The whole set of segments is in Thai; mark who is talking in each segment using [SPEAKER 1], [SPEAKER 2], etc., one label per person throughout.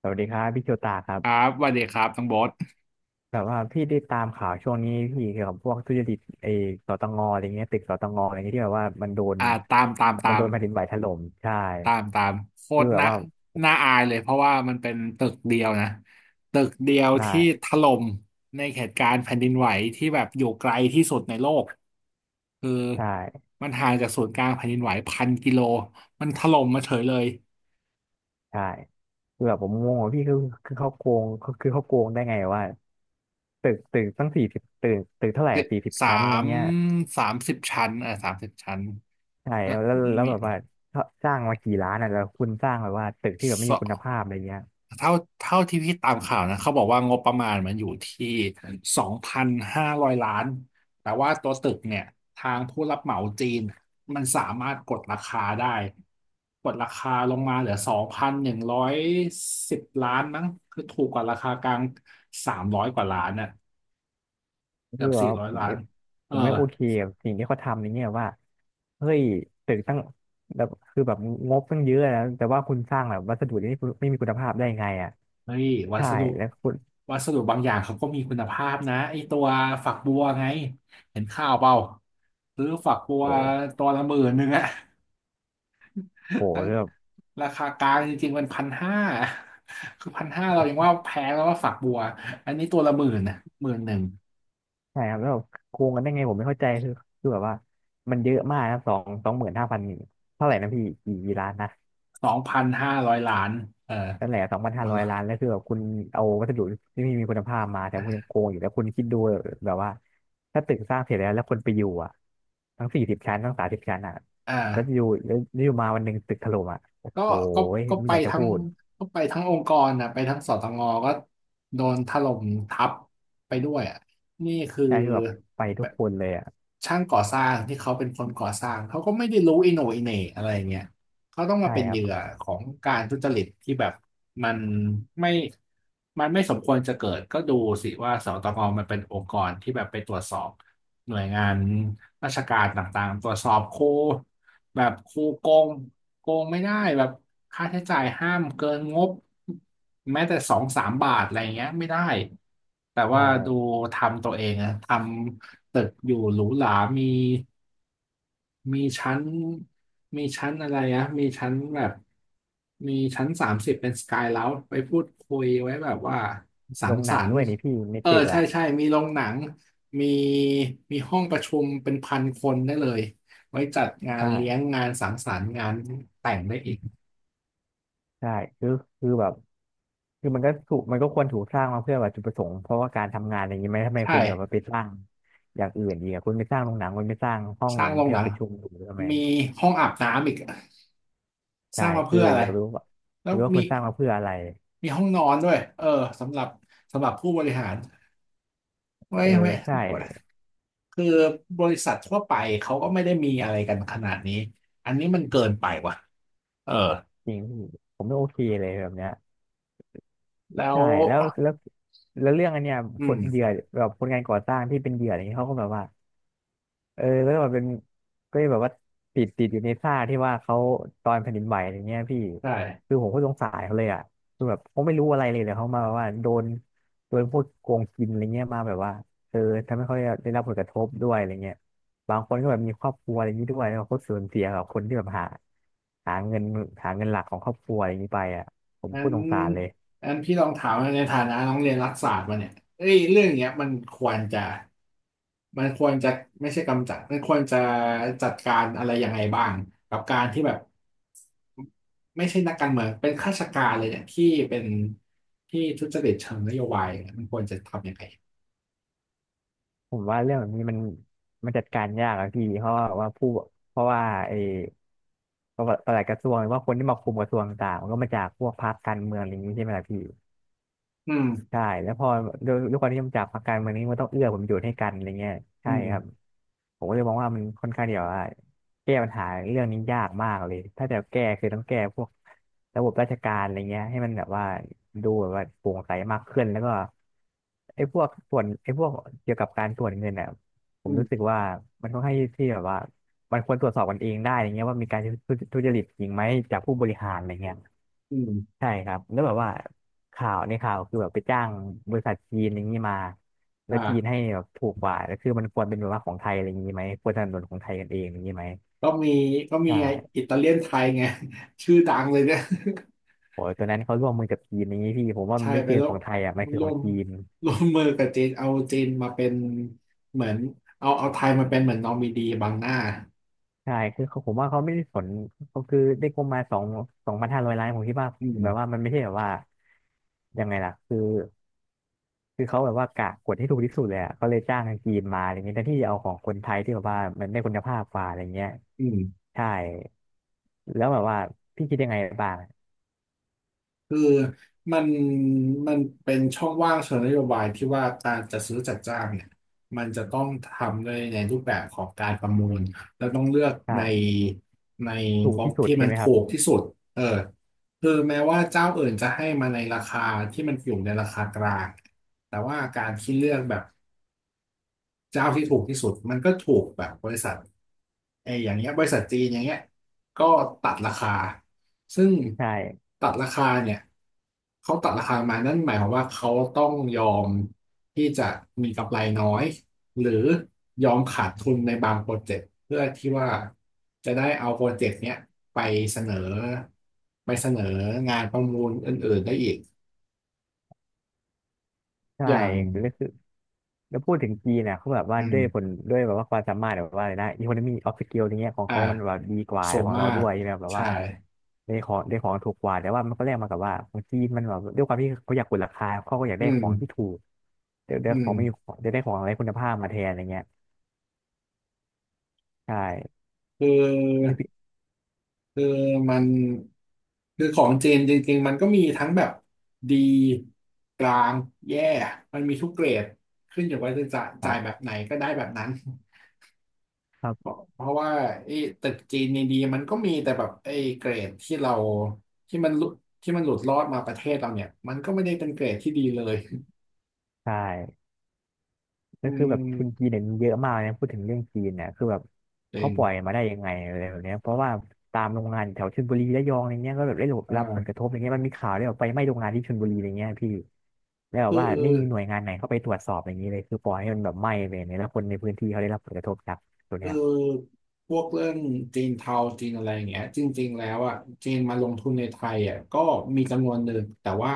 [SPEAKER 1] สวัสดีครับพี่โชตาครั
[SPEAKER 2] ครั
[SPEAKER 1] บ
[SPEAKER 2] บสวัสดีครับทั้องโบท
[SPEAKER 1] แบบว่าพี่ได้ตามข่าวช่วงนี้พี่เกี่ยวกับพวกทุจริตไอ้สตงอะไรเงี้ยตึกสตงอะไรเงี้ยที่แบบว่ามันโดน
[SPEAKER 2] อ่าตามตาม ตา
[SPEAKER 1] มันโด
[SPEAKER 2] ม
[SPEAKER 1] นแผ่นดินไหวถล่มใช่
[SPEAKER 2] ตาม ตามโค
[SPEAKER 1] คือ
[SPEAKER 2] ตร
[SPEAKER 1] แบบ
[SPEAKER 2] น่า
[SPEAKER 1] ว่า
[SPEAKER 2] น่าอายเลยเพราะว่ามันเป็นตึกเดียวนะ ตึกเดียวที่
[SPEAKER 1] ใช่
[SPEAKER 2] ถล่มในเหตุการณ์แผ่นดินไหวที่แบบอยู่ไกลที่สุดในโลกคือ
[SPEAKER 1] ใช่
[SPEAKER 2] มันห่างจากศูนย์กลางแผ่นดินไหว พันกิโล มันถล่มมาเฉยเลย
[SPEAKER 1] ใช่คือแบบผมงงว่าพี่คือคือเขาโกงคือคือเขาโกงได้ไงว่าตึกตั้งสี่สิบตึกเท่าไหร่
[SPEAKER 2] เจ็ด
[SPEAKER 1] สี่สิบ
[SPEAKER 2] สา
[SPEAKER 1] ชั้นอะไร
[SPEAKER 2] ม
[SPEAKER 1] เงี้ย
[SPEAKER 2] สามสิบชั้น
[SPEAKER 1] ใช่
[SPEAKER 2] แล้ว
[SPEAKER 1] แล้ว
[SPEAKER 2] มี
[SPEAKER 1] แบบว่าสร้างมากี่ล้านอ่ะแล้วคุณสร้างแบบว่าตึกที่แบบไม่มีคุณภาพอะไรเงี้ย
[SPEAKER 2] เท่าเท่าที่พี่ตามข่าวนะเขาบอกว่างบประมาณมันอยู่ที่สองพันห้าร้อยล้านแต่ว่าตัวตึกเนี่ยทางผู้รับเหมาจีนมันสามารถกดราคาได้กดราคาลงมาเหลือสองพันหนึ่งร้อยสิบล้านมั้งคือถูกกว่าราคากลางสามร้อยกว่าล้านน่ะเกื
[SPEAKER 1] คื
[SPEAKER 2] อ
[SPEAKER 1] อ
[SPEAKER 2] บสี่
[SPEAKER 1] ว่า
[SPEAKER 2] ร้อย
[SPEAKER 1] ผม
[SPEAKER 2] ล้า
[SPEAKER 1] ไม่
[SPEAKER 2] นเอ
[SPEAKER 1] ผ
[SPEAKER 2] อ
[SPEAKER 1] มไม่โอเคกับสิ่งที่เขาทำในเนี่ยว่าเฮ้ยตึกตั้งแบบคือแบบงบตั้งเยอะแล้วแต่ว่าคุณสร้างแบบวัสดุที่ไม่มีคุณภาพได้ไงอ่ะ
[SPEAKER 2] เฮ้ยวั
[SPEAKER 1] ใช่
[SPEAKER 2] สดุ
[SPEAKER 1] แล้วคุณ
[SPEAKER 2] วัสดุบางอย่างเขาก็มีคุณภาพนะไอตัวฝักบัวไงเห็นข่าวเปล่าซื้อฝักบัว
[SPEAKER 1] โอ้
[SPEAKER 2] ตัวละหมื่นหนึ่งอะ
[SPEAKER 1] โห
[SPEAKER 2] ทั้ง
[SPEAKER 1] เรื่อง
[SPEAKER 2] ราคากลางจริงๆมันพันห้าคือพันห้าเรายังว่าแพงแล้วว่าฝักบัวอันนี้ตัวละหมื่นนะหมื่นหนึ่ง
[SPEAKER 1] ใช่ครับแล้วแบบโกงกันได้ไงผมไม่เข้าใจคือคือแบบว่ามันเยอะมากนะสองหมื่นห้าพันเท่าไหร่นะพี่กี่ล้านนะ
[SPEAKER 2] สองพันห้าร้อยล้านเออ
[SPEAKER 1] นั่นแหละสองพัน
[SPEAKER 2] ห
[SPEAKER 1] ห้า
[SPEAKER 2] มด
[SPEAKER 1] ร้อย
[SPEAKER 2] ละ
[SPEAKER 1] ล้านแล้วคือแบบคุณเอาวัสดุที่ไมมีคุณภาพมาแต่คุณยังโกงอยู่แล้วคุณคิดดูแบบว่าถ้าตึกสร้างเสร็จแล้วแล้วคนไปอยู่อ่ะทั้งสี่สิบชั้นทั้ง30ชั้นอ่ะ
[SPEAKER 2] อ่
[SPEAKER 1] แล้วอ
[SPEAKER 2] า
[SPEAKER 1] ยู่แล้วอยู่มาวันหนึ่งตึกถล่มอ่ะโอ้
[SPEAKER 2] ก็
[SPEAKER 1] โห
[SPEAKER 2] ก็ก็
[SPEAKER 1] ไม่
[SPEAKER 2] ไป
[SPEAKER 1] อยากจะ
[SPEAKER 2] ทั้
[SPEAKER 1] พู
[SPEAKER 2] ง
[SPEAKER 1] ด
[SPEAKER 2] องค์กรนะไปทั้งสตงก็โดนถล่มทับไปด้วยอ่ะนี่คือ
[SPEAKER 1] ใช่คือแบบไปทุกคนเลยอ่ะ
[SPEAKER 2] ช่างก่อสร้างที่เขาเป็นคนก่อสร้างเขาก็ไม่ได้รู้อิโหนอิเหน่อะไรเงี้ยเขาต้องมา
[SPEAKER 1] ใช่
[SPEAKER 2] เป็น
[SPEAKER 1] ค
[SPEAKER 2] เห
[SPEAKER 1] รับ
[SPEAKER 2] ยื่อของการทุจริตที่แบบมันไม่มันไม่สมควรจะเกิดก็ดูสิว่าสตงมันเป็นองค์กรที่แบบไปตรวจสอบหน่วยงานราชการต่างๆตรวจสอบครู แบบครูโกงโกงไม่ได้แบบค่าใช้จ่ายห้ามเกินงบแม้แต่สองสามบาทอะไรเงี้ยไม่ได้แต่
[SPEAKER 1] ใช่
[SPEAKER 2] ว่าดูทำตัวเองนะทำตึกอยู่หรูหรามี มีชั้นมีชั้นอะไรอะมีชั้นแบบมีชั้นสามสิบเป็นสกายเลาจไปพูดคุยไว้แบบว่าสั
[SPEAKER 1] โร
[SPEAKER 2] ง
[SPEAKER 1] งห
[SPEAKER 2] ส
[SPEAKER 1] นั
[SPEAKER 2] ร
[SPEAKER 1] ง
[SPEAKER 2] ร
[SPEAKER 1] ด้ว
[SPEAKER 2] ค์
[SPEAKER 1] ยนี่พี่ใน
[SPEAKER 2] เออ
[SPEAKER 1] ตึก
[SPEAKER 2] ใช่
[SPEAKER 1] อ่ะ
[SPEAKER 2] ใช่มีโรงหนังมีมีห้องประชุมเป็นพันคนได้เลยไว้จัดงานเลี้ยง
[SPEAKER 1] ใช่
[SPEAKER 2] งานสังสรรค์งานแต่งได้อีก
[SPEAKER 1] ใช่คือคือแบบ คือมันก็ถูกมันก็ควรถูกสร้างมาเพื่อแบบจุดประสงค์เพราะว่าการทำงานอย่างนี้ไหมทำไมคุณแบบว่า
[SPEAKER 2] ใช่
[SPEAKER 1] ไปสร้างอย่างอื่นดีอะคุณไปสร้างโรงหนังคุณไปสร้างห้อง
[SPEAKER 2] สร้างโรง
[SPEAKER 1] ที่
[SPEAKER 2] หนั
[SPEAKER 1] เรา
[SPEAKER 2] ง
[SPEAKER 1] ประชุมอยู่ทำไม
[SPEAKER 2] มีห้องอาบน้ำอีกส
[SPEAKER 1] ใช่
[SPEAKER 2] ร้างมา
[SPEAKER 1] คื
[SPEAKER 2] เพื่
[SPEAKER 1] อ
[SPEAKER 2] ออะไร
[SPEAKER 1] อยากรู้ว่า
[SPEAKER 2] แล้
[SPEAKER 1] อ
[SPEAKER 2] ว
[SPEAKER 1] ยากรู้ว่า
[SPEAKER 2] มี
[SPEAKER 1] คุณสร้างมาเพื่ออะไร
[SPEAKER 2] มีห้องนอนด้วยเออสำหรับสำหรับผู้บริหารไว้
[SPEAKER 1] เออ
[SPEAKER 2] ไว้
[SPEAKER 1] ใช่
[SPEAKER 2] คือบริษัททั่วไปเขาก็ไม่ได้มีอะไรกันขนาดนี้อันนี้มันเกินไปว่ะเออ
[SPEAKER 1] จริงพี่ผมไม่โอเคเลยแบบเนี้ย
[SPEAKER 2] แล้ว
[SPEAKER 1] ใช่แล้วแล้วแล้วเรื่องอันเนี้ย
[SPEAKER 2] อื
[SPEAKER 1] คนเหยื่
[SPEAKER 2] ม
[SPEAKER 1] อแบบคนงานก่อสร้างที่เป็นเหยื่ออะไรเงี้ยเขาก็แบบว่า เออแล้วก็แบบเป็นก็แบบว่าติดอยู่ในท่าที่ว่าเขาตอนแผ่นดินไหวอย่างเงี้ยพี่
[SPEAKER 2] ใช่
[SPEAKER 1] คือผมก็สงสารเขาเลยอ่ะคือแบบเขาไม่รู้อะไรเลยเขามาแบบว่าโดนพวกโกงกินอะไรเงี้ยมาแบบว่าเออทำให้เขาได้รับผลกระทบด้วยอะไรเงี้ยบางคนก็แบบมีครอบครัวอะไรอย่างนี้ด้วยแล้วเขาสูญเสียกับคนที่แบบหาหาเงินเงินหลักของครอบครัวอะไรอย่างนี้ไปอ่ะผม
[SPEAKER 2] งั้
[SPEAKER 1] พู
[SPEAKER 2] น
[SPEAKER 1] ดสงสารเลย
[SPEAKER 2] งั้นพี่ลองถามในฐานะน้องเรียนรัฐศาสตร์มาเนี่ยเอ้ยเรื่องเนี้ยมันควรจะมันควรจะไม่ใช่กำจัดมันควรจะจัดการอะไรยังไงบ้างกับการที่แบบไม่ใช่นักการเมืองเป็นข้าราชการเลยเนี่ยที่เป็นที่ทุจริตเชิงนโยบายเนี่ยมันควรจะทำยังไง
[SPEAKER 1] ผมว่าเรื่องแบบนี้มันจัดการยากอะพี่เพราะว่าผู้เพราะว่าไอ้ ก็ประหลัดกระทรวงหรือว่าคนที่มาคุมกระทรวงต่างๆมันก็มาจากพวกพรรคการเมืองอะไรอย่างนี้ใช่ไหมล่ะพี่
[SPEAKER 2] อืม
[SPEAKER 1] ใช่แล้วพอด้วยความที่มันจับพักการเมืองนี้มันต้องเอื้อผลประโยชน์ให้กันอะไรเงี้ย
[SPEAKER 2] อื
[SPEAKER 1] ใช่ครับ
[SPEAKER 2] ม
[SPEAKER 1] ผมก็เลยมองว่ามันค่อนข้างเดียวว่าแก้ปัญหาเรื่องนี้ยากมากเลยถ้าจะแก้คือต้องแก้พวกระบบราชการอะไรเงี้ยให้มันแบบว่าดูแบบว่าโปร่งใสมากขึ้นแล้วก็ไอ้พวกเกี่ยวกับการตรวจเงินอ่ะผ
[SPEAKER 2] อื
[SPEAKER 1] ม
[SPEAKER 2] ม
[SPEAKER 1] รู้สึกว่ามันค่อนข้างที่แบบว่ามันควรตรวจสอบกันเองได้อะไรเงี้ยว่ามีการทุจริตจริงไหมจากผู้บริหารอะไรเงี้ย
[SPEAKER 2] อืม
[SPEAKER 1] ใช่ครับ แล้วแบบว่าข่าวในข่าวคือแบบไปจ้างบริษัทจีนอย่างนี้มา
[SPEAKER 2] อ่
[SPEAKER 1] แล้วจีน
[SPEAKER 2] า
[SPEAKER 1] ให้แบบถูกกว่า แล้วคือมันควรเป็นแบบว่าของไทยอะไรอย่างนี้ไหมควรสนับสนุนของไทยกันเองอย่างนี้ไหม
[SPEAKER 2] ก็มีก็มี
[SPEAKER 1] ใช่
[SPEAKER 2] ไงอิตาเลียนไทยไง ชื่อดังเลยเนี่ย
[SPEAKER 1] โอ้ยตัวนั้นเขาร่วมมือกับจีนอย่างนี้พี่ผม ว่ามั
[SPEAKER 2] ใช่
[SPEAKER 1] นไม่
[SPEAKER 2] ไป
[SPEAKER 1] ใช่ของไทยอ่ะมันคือ
[SPEAKER 2] ร่
[SPEAKER 1] ข
[SPEAKER 2] ว
[SPEAKER 1] อง
[SPEAKER 2] ม
[SPEAKER 1] จีน
[SPEAKER 2] ร่วมมือกับจีนเอาจีนมาเป็นเหมือนเอาไทยมาเป็นเหมือนนอมินีบังหน้า
[SPEAKER 1] ใช่คือเขาผมว่าเขาไม่ได้สนเขาคือได้งบมาสองพันห้าร้อยล้านผมคิดว่า
[SPEAKER 2] อืม
[SPEAKER 1] แบบว่ามันไม่ใช่แบบว่ายังไงล่ะคือ คือเขาแบบว่ากะกดให้ถูกที่สุดเลยอะเขาเลยจ้างทางจีนมาอะไรเงี้ยแทนที่จะเอาของคนไทยที่แบบว่ามันได้คุณภาพกว่าอะไรเงี้ย
[SPEAKER 2] อืม
[SPEAKER 1] ใช่แล้วแบบว่าพี่คิดยังไงบ้าง
[SPEAKER 2] คือมันมันเป็นช่องว่างเชิงนโยบายที่ว่าการจัดซื้อจัดจ้างเนี่ยมันจะต้องทำด้วยในรูปแบบของการประมูลแล้วต้องเลือกใน
[SPEAKER 1] ใช่
[SPEAKER 2] ใน
[SPEAKER 1] ถูก
[SPEAKER 2] งบ
[SPEAKER 1] ที่สุด
[SPEAKER 2] ที่
[SPEAKER 1] ใช่
[SPEAKER 2] มัน
[SPEAKER 1] ไหมค
[SPEAKER 2] ถู
[SPEAKER 1] รับ
[SPEAKER 2] กที่สุดเออคือแม้ว่าเจ้าอื่นจะให้มาในราคาที่มันอยู่ในราคากลางแต่ว่าการที่เลือกแบบ เจ้าที่ถูกที่สุดมันก็ถูกแบบบริษัทไอ้อย่างเงี้ยบริษัทจีนอย่างเงี้ยก็ตัดราคาซึ่ง
[SPEAKER 1] ใช่
[SPEAKER 2] ตัดราคาเนี่ยเขาตัดราคามานั่นหมายความว่าเขาต้องยอมที่จะมีกำไรน้อยหรือยอมขาดทุนในบางโปรเจกต์เพื่อที่ว่าจะได้เอาโปรเจกต์เนี้ยไปเสนอไปเสนองานประมูลอื่นๆได้อีก
[SPEAKER 1] ใช่
[SPEAKER 2] อย่าง
[SPEAKER 1] แล้วคือ แล้วพูดถึงจีนเนี่ยเขาแบบว่า
[SPEAKER 2] อื
[SPEAKER 1] ด้วย
[SPEAKER 2] ม
[SPEAKER 1] ผลด้วยแบบว่าความสามารถแบบว่าอะไรนะ economy of skill อย่างเงี้ยของ
[SPEAKER 2] อ่า
[SPEAKER 1] เขามันแบบดีกว่า
[SPEAKER 2] โส
[SPEAKER 1] ของ
[SPEAKER 2] มา
[SPEAKER 1] เราด้
[SPEAKER 2] ก
[SPEAKER 1] วยใช่ไหมแบบ
[SPEAKER 2] ใช่
[SPEAKER 1] ว่าได้ของถูกกว่าแต่ว่ามันก็แลกมากับว่าของจีนมันแบบด้วยความที่เขาอยากกดราคาเขาก็อยาก
[SPEAKER 2] อื
[SPEAKER 1] ได้
[SPEAKER 2] ม
[SPEAKER 1] ของที่ถูกเดี๋ยวได้
[SPEAKER 2] อื
[SPEAKER 1] ขอ
[SPEAKER 2] ม
[SPEAKER 1] งไม่มีของเดี๋ยวได้ของอะไรคุณภาพมาแทนอะไรเงี้ยใช่
[SPEAKER 2] คือ
[SPEAKER 1] นี่พี่
[SPEAKER 2] คือมันคือของจีนจริงๆมันก็มีทั้งแบบดีกลางแย่มันมีทุกเกรดขึ้นอยู่ว่าจะจ่าย
[SPEAKER 1] ค
[SPEAKER 2] จ่า
[SPEAKER 1] รั
[SPEAKER 2] ยแบ
[SPEAKER 1] บ
[SPEAKER 2] บไหนก็ได้แบบนั้น
[SPEAKER 1] ครั
[SPEAKER 2] เพ
[SPEAKER 1] บ
[SPEAKER 2] ราะเพราะว่าไอ้ตึกจีนดีๆมันก็มีแต่แบบไอ้เกรดที่เราที่มันหลุดที่มันหลุดรอดมาประเทศเราเนี่ยมันก็ไม่ได้เป็นเกรดที่ดีเลย
[SPEAKER 1] ใช่
[SPEAKER 2] อื
[SPEAKER 1] ก็คือแบบทุนจีน
[SPEAKER 2] ม
[SPEAKER 1] เนี่ยมีเยอะมากนะพูดถึงเรื่องจีนเนี่ยคือแบบ
[SPEAKER 2] จริ
[SPEAKER 1] เขา
[SPEAKER 2] ง
[SPEAKER 1] ปล่อยมาได้ยังไงอะไรแบบเนี้ยเพราะว่าตามโรงงานแถวชลบุรีระยองอะไรเงี้ยก็แบบได้รับผลก
[SPEAKER 2] อ่า
[SPEAKER 1] ระทบอะไรเงี้ยมันมีข่าวเรื่องไฟไหม้โรงงานที่ชลบุรีอะไรเงี้ยพี่แล้วแบ
[SPEAKER 2] คื
[SPEAKER 1] บ
[SPEAKER 2] อ
[SPEAKER 1] ว่าไม่มีหน่วยงานไหนเข้าไปตรวจสอบอย่างนี้เลยคือปล่อยให้มันแบบไหม้ไปเนี่ยแล้วคนในพื้นที่เขาได้รับผลกระทบจากตัว
[SPEAKER 2] คื
[SPEAKER 1] เนี้
[SPEAKER 2] อ
[SPEAKER 1] ย
[SPEAKER 2] พวกเรื่องจีนเทาจีนอะไรอย่างเงี้ยจริงๆแล้วอ่ะจีนมาลงทุนในไทยอ่ะก็มีจำนวนหนึ่งแต่ว่า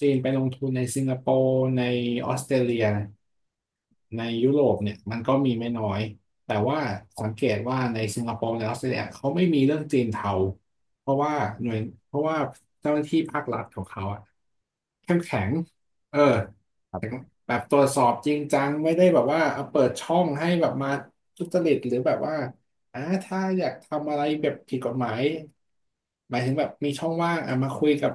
[SPEAKER 2] จีนไปลงทุนในสิงคโปร์ในออสเตรเลียในยุโรปเนี่ยมันก็มีไม่น้อยแต่ว่าสังเกตว่าในสิงคโปร์ในออสเตรเลียเขาไม่มีเรื่องจีนเทาเพราะว่าหน่วยเพราะว่าเจ้าหน้าที่ภาครัฐของเขาอะเข้มแข็งเออ
[SPEAKER 1] ครับ
[SPEAKER 2] แบบตรวจสอบจริงจังไม่ได้แบบว่าเอาเปิดช่องให้แบบมาทุจริตหรือแบบว่าถ้าอยากทำอะไรแบบผิดกฎหมายหมายถึงแบบมีช่องว่างอ่ะมาคุยกับ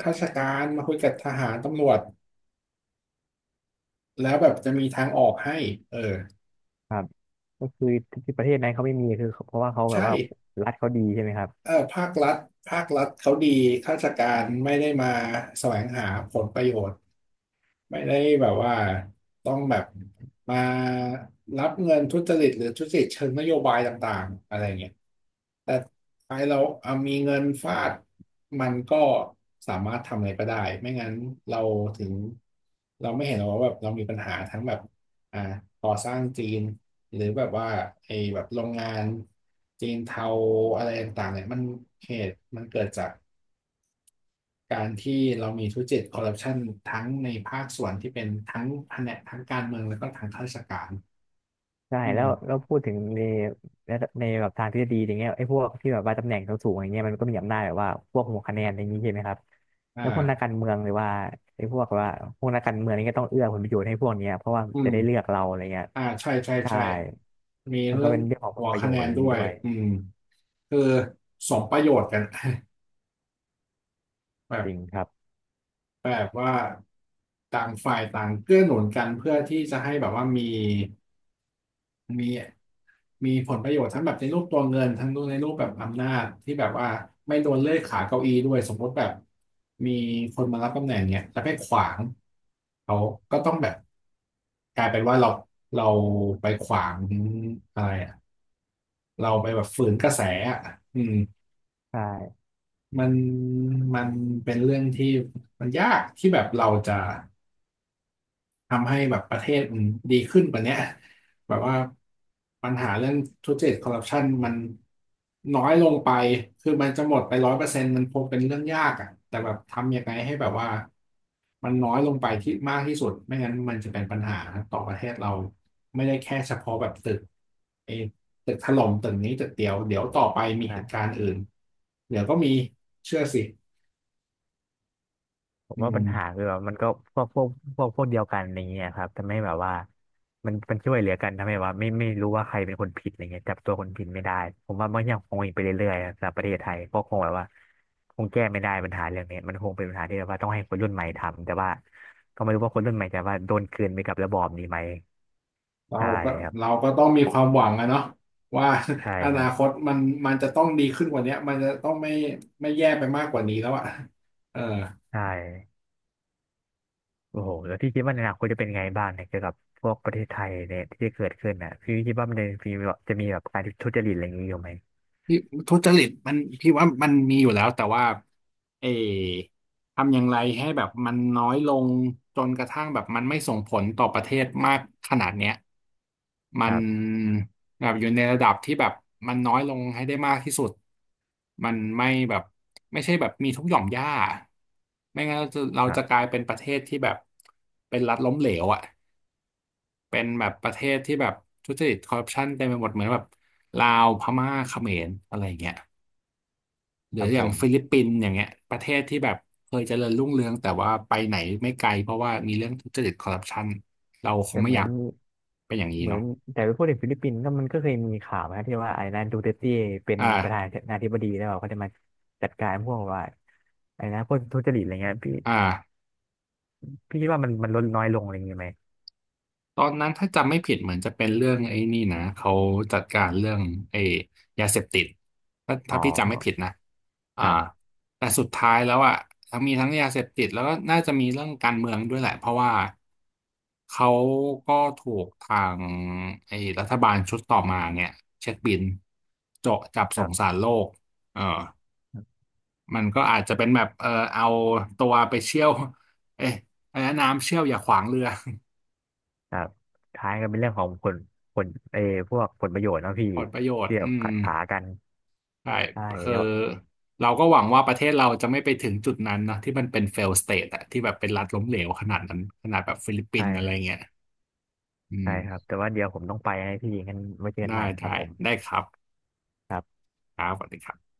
[SPEAKER 2] ข้าราชการมาคุยกับทหารตำรวจแล้วแบบจะมีทางออกให้เออ
[SPEAKER 1] ครับก็คือที่ประเทศนั้นเขาไม่มีคือเพราะว่าเขาแบ
[SPEAKER 2] ใช่
[SPEAKER 1] บว่ารัฐเขาดีใช่ไหมครับ
[SPEAKER 2] เออภาครัฐเขาดีข้าราชการไม่ได้มาแสวงหาผลประโยชน์ ไม่ได้แบบว่าต้องแบบมารับเงินทุจริตหรือทุจริตเชิงนโยบายต่างๆอะไรเงี้ยแต่ท้ายเราเอามีเงินฟาดมันก็สามารถทำอะไรก็ได้ไม่งั้นเราถึงเราไม่เห็นหรอกว่าแบบเรามีปัญหาทั้งแบบอ่าก่อสร้างจีนหรือแบบว่าไอ้แบบโรงงานจีนเทาอะไรต่างๆเนี่ยมันเหตุมันเกิดจาก การที่เรามีทุจริตคอร์รัปชันทั้งในภาคส่วนที่เป็นทั้งแผนกทั้งการเมืองแล้วก็ทางข้าราชการ
[SPEAKER 1] ใช่
[SPEAKER 2] อื
[SPEAKER 1] แล้วแล้
[SPEAKER 2] ม
[SPEAKER 1] วพูดถึงในในแบบทางทฤษฎีอย่างเงี้ยไอ้พวกที่แบบว่าตำแหน่งสูงๆอย่างเงี้ยมันก็มีอำนาจแบบว่าพวกหัวคะแนนอย่างนี้ใช่ไหมครับ
[SPEAKER 2] อ่า
[SPEAKER 1] แล้วพวกนักการเมืองหรือว่าไอ้พวกว่าพวกนักการเมืองนี่ก็ต้องเอื้อผลประโยชน์ให้พวกเนี้ยเพราะว่า
[SPEAKER 2] อื
[SPEAKER 1] จะได้
[SPEAKER 2] ม
[SPEAKER 1] เลือกเราอะไรเงี้ย
[SPEAKER 2] ใช่ใช่
[SPEAKER 1] ใช่
[SPEAKER 2] ใช่มี
[SPEAKER 1] มัน
[SPEAKER 2] เรื่
[SPEAKER 1] ก็
[SPEAKER 2] อง
[SPEAKER 1] เป็นเรื่องของผ
[SPEAKER 2] หั
[SPEAKER 1] ล
[SPEAKER 2] ว
[SPEAKER 1] ประโย
[SPEAKER 2] คะ
[SPEAKER 1] ช
[SPEAKER 2] แน
[SPEAKER 1] น์อะ
[SPEAKER 2] น
[SPEAKER 1] ไรอย่า
[SPEAKER 2] ด้
[SPEAKER 1] งนี้
[SPEAKER 2] วย
[SPEAKER 1] ด้วย
[SPEAKER 2] อืมคือสมประโยชน์กัน แบ
[SPEAKER 1] จ
[SPEAKER 2] บ
[SPEAKER 1] ริงครับ
[SPEAKER 2] แบบว่าต่างฝ่ายต่างเกื้อหนุนกันเพื่อที่จะให้แบบว่ามี มีมีผลประโยชน์ทั้งแบบในรูปตัวเงินทั้งในรูปแบบอำนาจที่แบบว่าไม่โดนเลื่อยขาเก้าอี้ด้วยสมมติแบบมีคนมารับตำแหน่งเนี่ยแล้วไปขวางเขาก็ต้องแบบกลายเป็นว่าเราไปขวางอะไรอะเราไปแบบฝืนกระแสอะอืม
[SPEAKER 1] ใช
[SPEAKER 2] มันมันเป็นเรื่องที่มันยากที่แบบเราจะ ทำให้แบบประเทศมันดีขึ้นกว่าเนี้ยแบบว่าปัญหาเรื่องทุจริตคอร์รัปชันมันน้อยลงไปคือมันจะหมดไป100%มันคงเป็นเรื่องยากอ่ะแต่แบบทำยังไงให้แบบว่ามันน้อยลงไปที่มากที่สุดไม่งั้นมันจะเป็นปัญหาต่อประเทศเราไม่ได้แค่เฉพาะแบบตึกไอ้ตึกถล่มตึกนี้ตึกเดียวเดี๋ยวต่อไปมีเหตุการ
[SPEAKER 1] ่
[SPEAKER 2] ณ์อื่นเดี๋ยวก็มีเชื่อสิ
[SPEAKER 1] ผม
[SPEAKER 2] อื
[SPEAKER 1] ว่าปัญหา
[SPEAKER 2] ม
[SPEAKER 1] คือแบบมันก็พวกพวกพวกเดียวกันอะไรเงี้ยครับทำให้แบบว่ามันช่วยเหลือกันทำให้ว่าไม่รู้ว่าใครเป็นคนผิดอะไรเงี้ยจับตัวคนผิดไม่ได้ผมว่ามันยังคงอีกไปเรื่อยๆสำหรับประเทศไทยก็คงแบบว่าคงแก้ไม่ได้ปัญหาเรื่องนี้มันคงเป็นปัญหาที่แบบว่าต้องให้คนรุ่นใหม่ทำแต่ว่าก็ไม่รู้ว่าคนรุ่นใหม่จะว่าโดนกลืนไปกับระบอบนี้ไหม
[SPEAKER 2] เรา
[SPEAKER 1] ใช่
[SPEAKER 2] ก็
[SPEAKER 1] ครับ
[SPEAKER 2] เราก็ต้องมีความหวังอะเนาะว่า
[SPEAKER 1] ใช่
[SPEAKER 2] อ
[SPEAKER 1] ค
[SPEAKER 2] นา
[SPEAKER 1] รับ
[SPEAKER 2] คตมันจะต้องดีขึ้นกว่าเนี้ยมันจะต้องไม่แย่ไปมากกว่านี้แล้วอะเออ
[SPEAKER 1] ใช่โอ้โหแล้วพี่คิดว่าในอนาคตจะเป็นไงบ้างเนี่ยเกี่ยวกับพวกประเทศไทยเนี่ยที่จะเกิดขึ้นน่ะพี่คิดว่ามันจะมีแบบจะมีแบบการทุจริตอะไรอย่างนี้อยู่ไหม
[SPEAKER 2] พี่ทุจริตมันพี่ว่ามันมีอยู่แล้วแต่ว่าเออทำอย่างไรให้แบบมันน้อยลงจนกระทั่งแบบมันไม่ส่งผลต่อประเทศมากขนาดเนี้ยมั
[SPEAKER 1] ค
[SPEAKER 2] น
[SPEAKER 1] รับ
[SPEAKER 2] แบบอยู่ในระดับที่แบบมันน้อยลงให้ได้มากที่สุดมันไม่แบบไม่ใช่แบบมีทุกหย่อมหญ้าไม่งั้นเรา
[SPEAKER 1] ครั
[SPEAKER 2] จะก
[SPEAKER 1] บ
[SPEAKER 2] ลายเป็นประเทศที่แบบเป็นรัฐล้มเหลวอ่ะเป็นแบบประเทศที่แบบทุจริตคอร์รัปชันเต็มไปหมดเหมือนแบบลาวพม่าเขมรอะไรอย่างเงี้ย ห
[SPEAKER 1] ค
[SPEAKER 2] รือ
[SPEAKER 1] รับ
[SPEAKER 2] อ
[SPEAKER 1] ผ
[SPEAKER 2] ย่าง
[SPEAKER 1] ม
[SPEAKER 2] ฟิลิปปินส์อย่างเงี้ยประเทศที่แบบเคยเจริญรุ่งเรืองแต่ว่าไปไหนไม่ไกลเพราะว่ามีเรื่องทุจริตคอร์รัปชันเราคง
[SPEAKER 1] แต่
[SPEAKER 2] ไม่
[SPEAKER 1] เหมื
[SPEAKER 2] อ
[SPEAKER 1] อ
[SPEAKER 2] ยา
[SPEAKER 1] น
[SPEAKER 2] กเป็นอย่างนี้
[SPEAKER 1] เหมือ
[SPEAKER 2] เนาะ
[SPEAKER 1] นแต่ไปพูดถึงฟิลิปปินส์ก็มันก็เคยมีข่าวนะที่ว่าไอ้นายดูเตอร์เต้เป็น
[SPEAKER 2] อ่า
[SPEAKER 1] ประธานาธิบดีแล้วเขาจะมาจัดการพวกว่าไอ้นะพวกทุจริตอะไรเงี้ยพี่
[SPEAKER 2] อ่า
[SPEAKER 1] พี่คิดว่ามันลดน้อยลงอะไรเงี้ยไหม
[SPEAKER 2] ตอนนั้นถ้าจำไม่ผิดเหมือนจะเป็นเรื่องไอ้นี่นะเขาจัดการเรื่องไอ้ยาเสพติด
[SPEAKER 1] อ๋อ
[SPEAKER 2] ถ้าพี่จำไม่ผิดนะอ่า
[SPEAKER 1] ครับ
[SPEAKER 2] แต่สุดท้ายแล้วอ่ะทั้งมีทั้งยาเสพติดแล้วก็น่าจะมีเรื่องการเมืองด้วยแหละเพราะว่าเขาก็ถูกทางไอ้รัฐบาลชุดต่อมาเนี่ยเช็คบินเจาะจับ
[SPEAKER 1] ค
[SPEAKER 2] ส่
[SPEAKER 1] รั
[SPEAKER 2] งสา
[SPEAKER 1] บ
[SPEAKER 2] รโลกเออมันก็อาจจะเป็นแบบเออเอาตัวไปเชี่ยวเอ๊ะอะไรนะน้ำเชี่ยวอย่าขวางเรือ
[SPEAKER 1] ครับท้ายก็เป็นเรื่องของผลผลเออพวกผลประโยชน์เนาะพี่
[SPEAKER 2] ผลประโยชน์
[SPEAKER 1] เดี๋ยว
[SPEAKER 2] อื
[SPEAKER 1] ขัด
[SPEAKER 2] ม
[SPEAKER 1] ขากัน
[SPEAKER 2] ใช่
[SPEAKER 1] ใช่
[SPEAKER 2] คือ
[SPEAKER 1] เดี๋ยว
[SPEAKER 2] เราก็หวังว่าประเทศเราจะไม่ไปถึงจุดนั้นนะที่มันเป็น fail state อะที่แบบเป็นรัฐล้มเหลวขนาดนั้นขนาดแบบฟิลิปปิ
[SPEAKER 1] ใช่
[SPEAKER 2] นส์อะไร
[SPEAKER 1] ครั
[SPEAKER 2] เงี้ย
[SPEAKER 1] บ
[SPEAKER 2] อืม
[SPEAKER 1] ใช่ครับแต่ว่าเดี๋ยวผมต้องไปให้พี่งั้นไว้เจอกันให
[SPEAKER 2] ได้
[SPEAKER 1] ม่นะครับ
[SPEAKER 2] ได้
[SPEAKER 1] ผม
[SPEAKER 2] ได้ครับครับสวัสดีครับ